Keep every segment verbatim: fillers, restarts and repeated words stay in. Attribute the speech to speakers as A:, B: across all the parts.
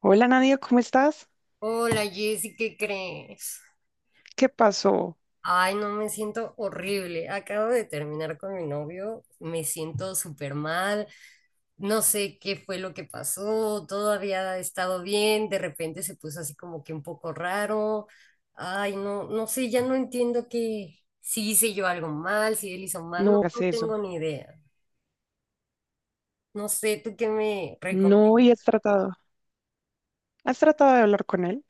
A: Hola Nadia, ¿cómo estás?
B: Hola Jessy, ¿qué crees?
A: ¿Qué pasó?
B: Ay, no, me siento horrible. Acabo de terminar con mi novio, me siento súper mal, no sé qué fue lo que pasó, todo había estado bien, de repente se puso así como que un poco raro. Ay, no, no sé, ya no entiendo que si hice yo algo mal, si él hizo mal, no,
A: No hagas
B: no
A: eso.
B: tengo ni idea. No sé, ¿tú qué me recomiendas?
A: No, y has tratado. ¿Has tratado de hablar con él?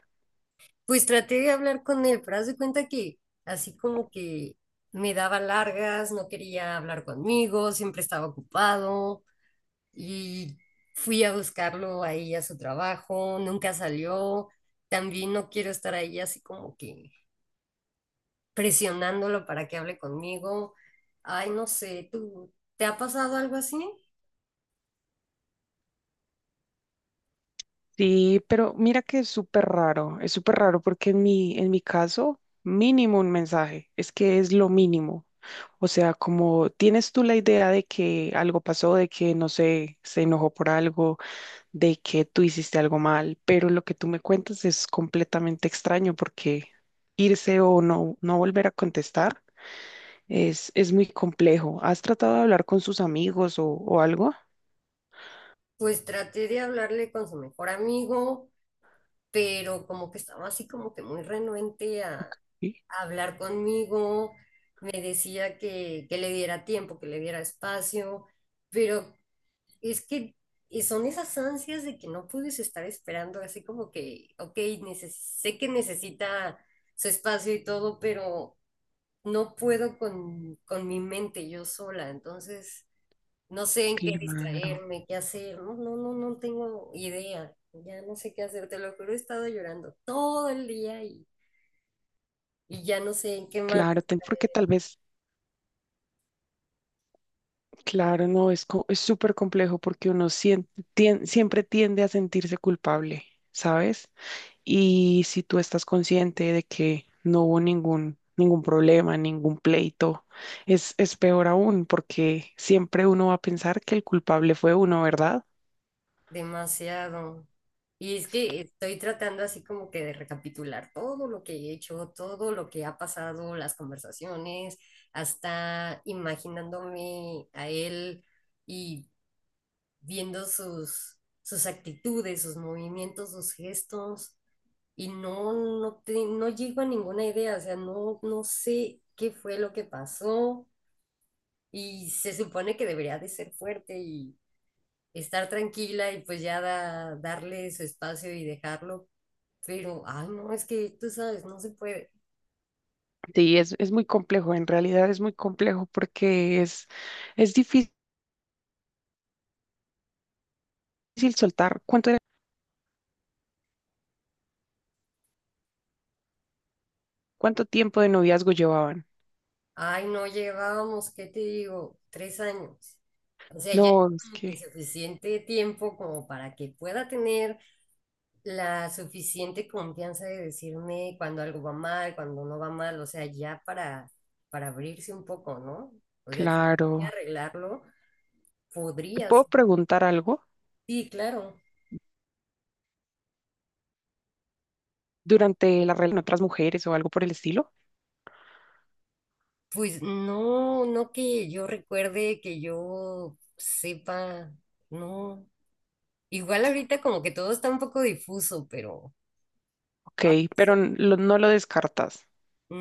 B: Pues traté de hablar con él, pero haz de cuenta que así como que me daba largas, no quería hablar conmigo, siempre estaba ocupado y fui a buscarlo ahí a su trabajo, nunca salió. También no quiero estar ahí así como que presionándolo para que hable conmigo. Ay, no sé, ¿tú te ha pasado algo así?
A: Sí, pero mira que es súper raro. Es súper raro porque en mi, en mi caso, mínimo un mensaje. Es que es lo mínimo. O sea, como tienes tú la idea de que algo pasó, de que no sé, se enojó por algo, de que tú hiciste algo mal, pero lo que tú me cuentas es completamente extraño porque irse o no, no volver a contestar. Es, es muy complejo. ¿Has tratado de hablar con sus amigos o, o algo?
B: Pues traté de hablarle con su mejor amigo, pero como que estaba así como que muy renuente
A: Ok.
B: hablar conmigo, me decía que, que le diera tiempo, que le diera espacio, pero es que y son esas ansias de que no puedes estar esperando, así como que, ok, neces- sé que necesita su espacio y todo, pero no puedo con, con mi mente yo sola, entonces no sé en qué
A: Claro,
B: distraerme, qué hacer, no, no, no, no tengo idea, ya no sé qué hacer, te lo juro, he estado llorando todo el día y, y ya no sé en qué más.
A: claro, ten- porque tal vez, claro, no, es, co- es súper complejo porque uno sien- tien- siempre tiende a sentirse culpable, ¿sabes? Y si tú estás consciente de que no hubo ningún, ningún problema, ningún pleito, es, es peor aún porque siempre uno va a pensar que el culpable fue uno, ¿verdad?
B: Demasiado. Y es que estoy tratando así como que de recapitular todo lo que he hecho, todo lo que ha pasado, las conversaciones, hasta imaginándome a él y viendo sus, sus actitudes, sus movimientos, sus gestos. Y no, no, te- no llego a ninguna idea, o sea, no, no sé qué fue lo que pasó. Y se supone que debería de ser fuerte, estar tranquila y pues ya da- darle su espacio y dejarlo. Pero, ay, no, es que tú sabes, no se puede.
A: Sí, es, es muy complejo, en realidad es muy complejo porque es, es difícil soltar. ¿Cuánto era- Cuánto tiempo de noviazgo llevaban?
B: Ay, no, llevábamos, ¿qué te digo? Tres años. O sea, ya
A: No, es
B: como que
A: que,
B: suficiente tiempo como para que pueda tener la suficiente confianza de decirme cuando algo va mal, cuando no va mal, o sea, ya para, para abrirse un poco, ¿no? O sea, si quería
A: claro.
B: arreglarlo,
A: ¿Te
B: podría
A: puedo
B: ser.
A: preguntar algo
B: Sí, claro.
A: durante la relación con otras mujeres o algo por el estilo?
B: Pues no, no que yo recuerde, que yo sepa, no. Igual ahorita como que todo está un poco difuso, pero
A: Ok,
B: ah,
A: pero n- lo- no lo descartas,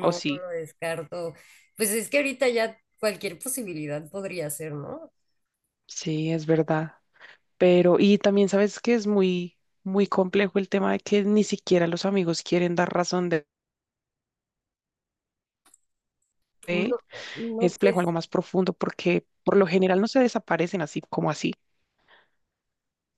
A: ¿o
B: no
A: sí?
B: lo descarto. Pues es que ahorita ya cualquier posibilidad podría ser, ¿no?
A: Sí, es verdad. Pero, y también sabes que es muy, muy complejo el tema de que ni siquiera los amigos quieren dar razón de de él.
B: No,
A: Es
B: no,
A: complejo,
B: pues
A: algo más profundo, porque por lo general no se desaparecen así como así.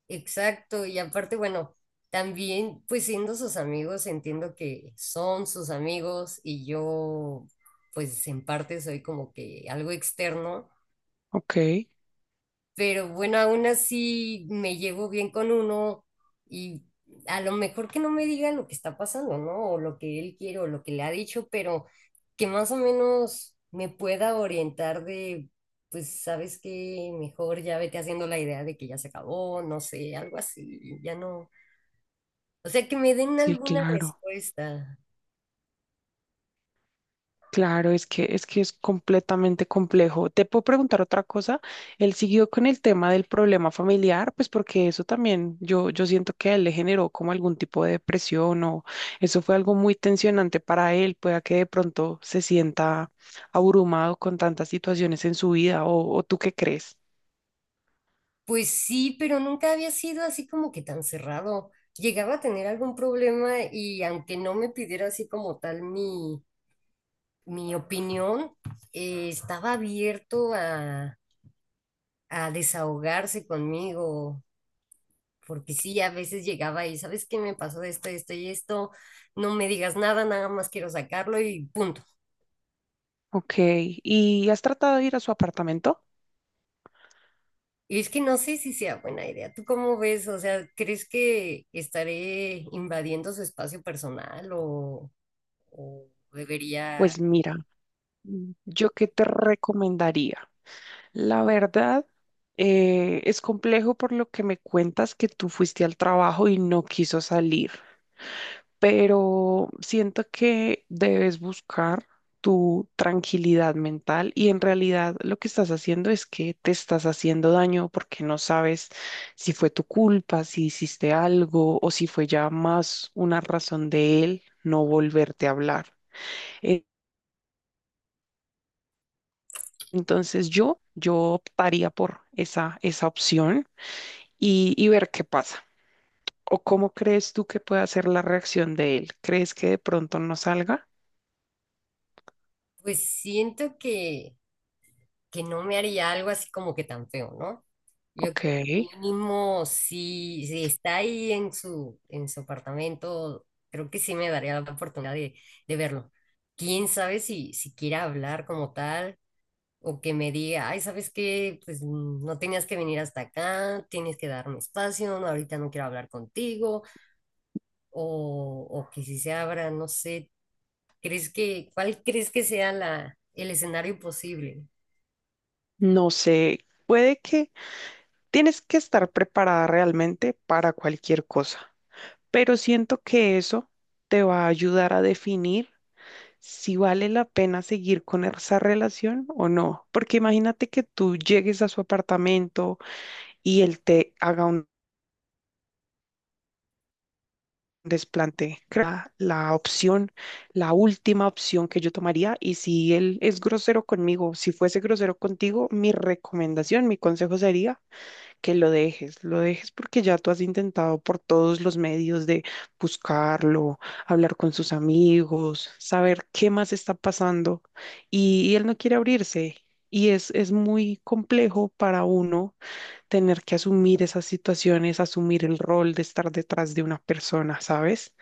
B: exacto. Y aparte, bueno, también pues siendo sus amigos, entiendo que son sus amigos y yo pues en parte soy como que algo externo,
A: Ok,
B: pero bueno, aún así me llevo bien con uno y a lo mejor que no me diga lo que está pasando, ¿no? O lo que él quiere o lo que le ha dicho, pero que más o menos me pueda orientar de, pues, ¿sabes qué? Mejor ya vete haciendo la idea de que ya se acabó, no sé, algo así, ya no. O sea, que me den
A: sí,
B: alguna
A: claro.
B: respuesta.
A: Claro, es que es que es completamente complejo. Te puedo preguntar otra cosa. Él siguió con el tema del problema familiar, pues porque eso también yo yo siento que a él le generó como algún tipo de depresión o eso fue algo muy tensionante para él, pueda que de pronto se sienta abrumado con tantas situaciones en su vida o, o tú qué crees.
B: Pues sí, pero nunca había sido así como que tan cerrado. Llegaba a tener algún problema y aunque no me pidiera así como tal mi, mi opinión, eh, estaba abierto a, a desahogarse conmigo, porque sí, a veces llegaba y, ¿sabes qué me pasó esto, esto y esto? No me digas nada, nada más quiero sacarlo y punto.
A: Ok, ¿y has tratado de ir a su apartamento?
B: Y es que no sé si sea buena idea. ¿Tú cómo ves? O sea, ¿crees que estaré invadiendo su espacio personal o, o debería?
A: Pues mira. ¿Yo qué te recomendaría? La verdad, eh, es complejo por lo que me cuentas que tú fuiste al trabajo y no quiso salir, pero siento que debes buscar tu tranquilidad mental y en realidad lo que estás haciendo es que te estás haciendo daño porque no sabes si fue tu culpa, si hiciste algo o si fue ya más una razón de él no volverte a hablar. Entonces yo, yo optaría por esa, esa opción y, y ver qué pasa. ¿O cómo crees tú que puede ser la reacción de él? ¿Crees que de pronto no salga?
B: Pues siento que que no me haría algo así como que tan feo, ¿no? Yo
A: Ok,
B: creo que mínimo si, si está ahí en su, en su apartamento, creo que sí me daría la oportunidad de, de verlo. Quién sabe si, si quiera hablar como tal o que me diga, ay, ¿sabes qué? Pues mm, no tenías que venir hasta acá, tienes que darme espacio, no, ahorita no quiero hablar contigo, o, o que si se abra, no sé, ¿crees que, cuál crees que sea la, el escenario posible?
A: no sé, puede que tienes que estar preparada realmente para cualquier cosa, pero siento que eso te va a ayudar a definir si vale la pena seguir con esa relación o no, porque imagínate que tú llegues a su apartamento y él te haga un desplante. Creo que la, la opción, la última opción que yo tomaría, y si él es grosero conmigo, si fuese grosero contigo, mi recomendación, mi consejo sería que lo dejes, lo dejes porque ya tú has intentado por todos los medios de buscarlo, hablar con sus amigos, saber qué más está pasando, y, y él no quiere abrirse. Y es, es muy complejo para uno tener que asumir esas situaciones, asumir el rol de estar detrás de una persona, ¿sabes?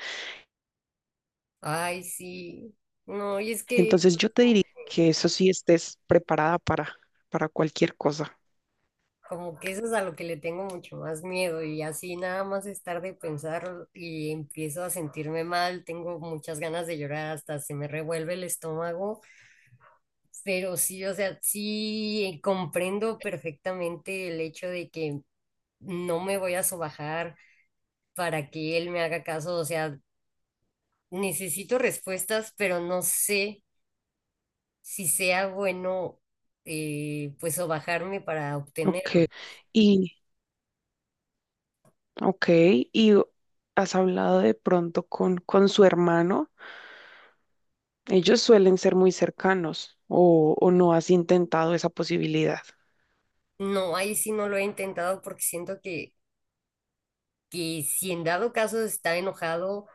B: Ay, sí. No, y es que eso
A: Entonces yo
B: es
A: te diría
B: como,
A: que eso sí estés preparada para, para cualquier cosa.
B: como que eso es a lo que le tengo mucho más miedo y así nada más estar de pensar y empiezo a sentirme mal, tengo muchas ganas de llorar, hasta se me revuelve el estómago, pero sí, o sea, sí, eh, comprendo perfectamente el hecho de que no me voy a sobajar para que él me haga caso, o sea, necesito respuestas, pero no sé si sea bueno, eh, pues o bajarme para
A: Ok.
B: obtenerlo.
A: Y, ok, y has hablado de pronto con, con su hermano. Ellos suelen ser muy cercanos o, o no has intentado esa posibilidad,
B: No, ahí sí no lo he intentado porque siento que, que si en dado caso está enojado,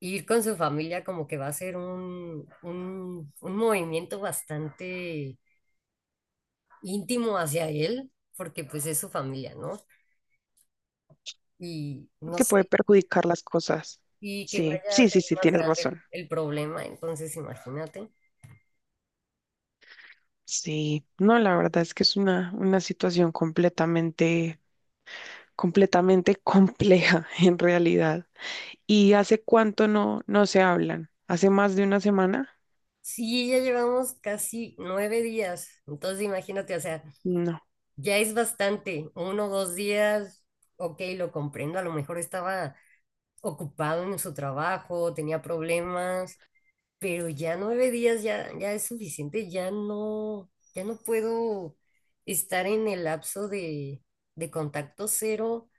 B: ir con su familia como que va a ser un, un, un movimiento bastante íntimo hacia él, porque pues es su familia, ¿no? Y no
A: que puede
B: sé,
A: perjudicar las cosas.
B: y que
A: Sí,
B: vaya a
A: sí,
B: ser
A: sí, sí,
B: más
A: tienes
B: grande
A: razón.
B: el, el problema, entonces imagínate.
A: Sí, no, la verdad es que es una, una situación completamente, completamente compleja en realidad. ¿Y hace cuánto no, no se hablan? ¿Hace más de una semana?
B: Sí, ya llevamos casi nueve días, entonces imagínate, o sea,
A: No.
B: ya es bastante, uno o dos días, ok, lo comprendo, a lo mejor estaba ocupado en su trabajo, tenía problemas, pero ya nueve días ya, ya, es suficiente, ya no, ya no puedo estar en el lapso de, de contacto cero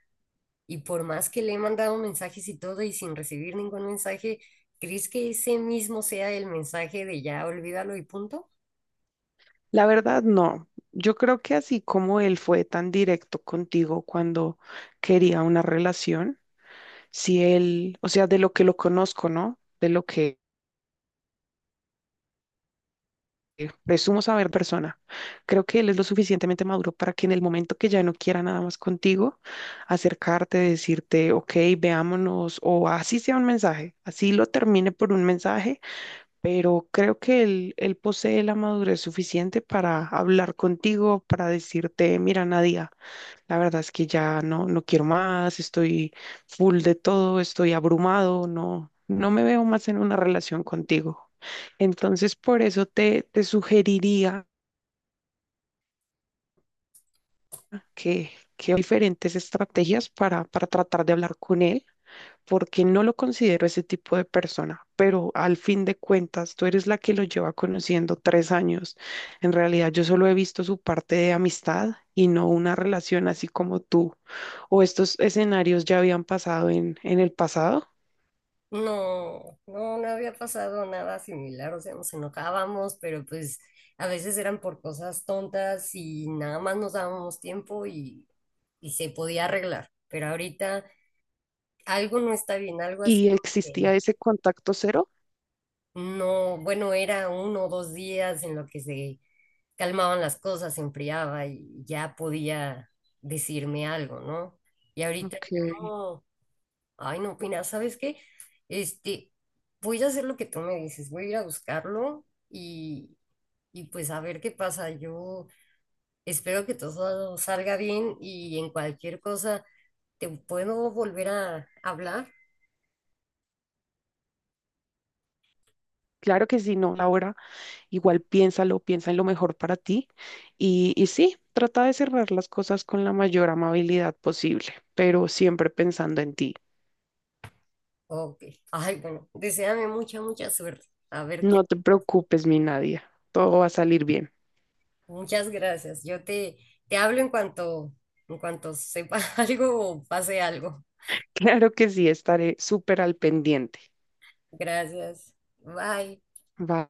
B: y por más que le he mandado mensajes y todo y sin recibir ningún mensaje, ¿crees que ese mismo sea el mensaje de ya olvídalo y punto?
A: La verdad, no. Yo creo que así como él fue tan directo contigo cuando quería una relación, si él, o sea, de lo que lo conozco, ¿no? De lo que presumo saber persona, creo que él es lo suficientemente maduro para que en el momento que ya no quiera nada más contigo, acercarte, decirte, ok, veámonos, o así sea un mensaje, así lo termine por un mensaje, pero creo que él, él posee la madurez suficiente para hablar contigo, para decirte, mira, Nadia, la verdad es que ya no, no quiero más, estoy full de todo, estoy abrumado, no, no me veo más en una relación contigo. Entonces, por eso te, te sugeriría que, que hay diferentes estrategias para, para tratar de hablar con él porque no lo considero ese tipo de persona, pero al fin de cuentas, tú eres la que lo lleva conociendo tres años. En realidad, yo solo he visto su parte de amistad y no una relación así como tú. O estos escenarios ya habían pasado en, en el pasado
B: No, no, no había pasado nada similar, o sea, nos enojábamos, pero pues a veces eran por cosas tontas y nada más nos dábamos tiempo y, y se podía arreglar, pero ahorita algo no está bien, algo así
A: y
B: como que
A: existía ese contacto cero.
B: no, bueno, era uno o dos días en lo que se calmaban las cosas, se enfriaba y ya podía decirme algo, ¿no? Y ahorita
A: Ok.
B: no. Ay, no, pina, ¿sabes qué? Este, voy a hacer lo que tú me dices, voy a ir a buscarlo y, y pues a ver qué pasa. Yo espero que todo salga bien y en cualquier cosa te puedo volver a hablar.
A: Claro que sí, no, Laura, igual piénsalo, piensa en lo mejor para ti y, y sí, trata de cerrar las cosas con la mayor amabilidad posible, pero siempre pensando en ti.
B: Ok. Ay, bueno, deséame mucha, mucha suerte. A ver qué.
A: No te preocupes, mi Nadia. Todo va a salir bien.
B: Muchas gracias. Yo te, te hablo en cuanto, en cuanto sepa algo o pase algo.
A: Claro que sí, estaré súper al pendiente.
B: Gracias. Bye.
A: Bye.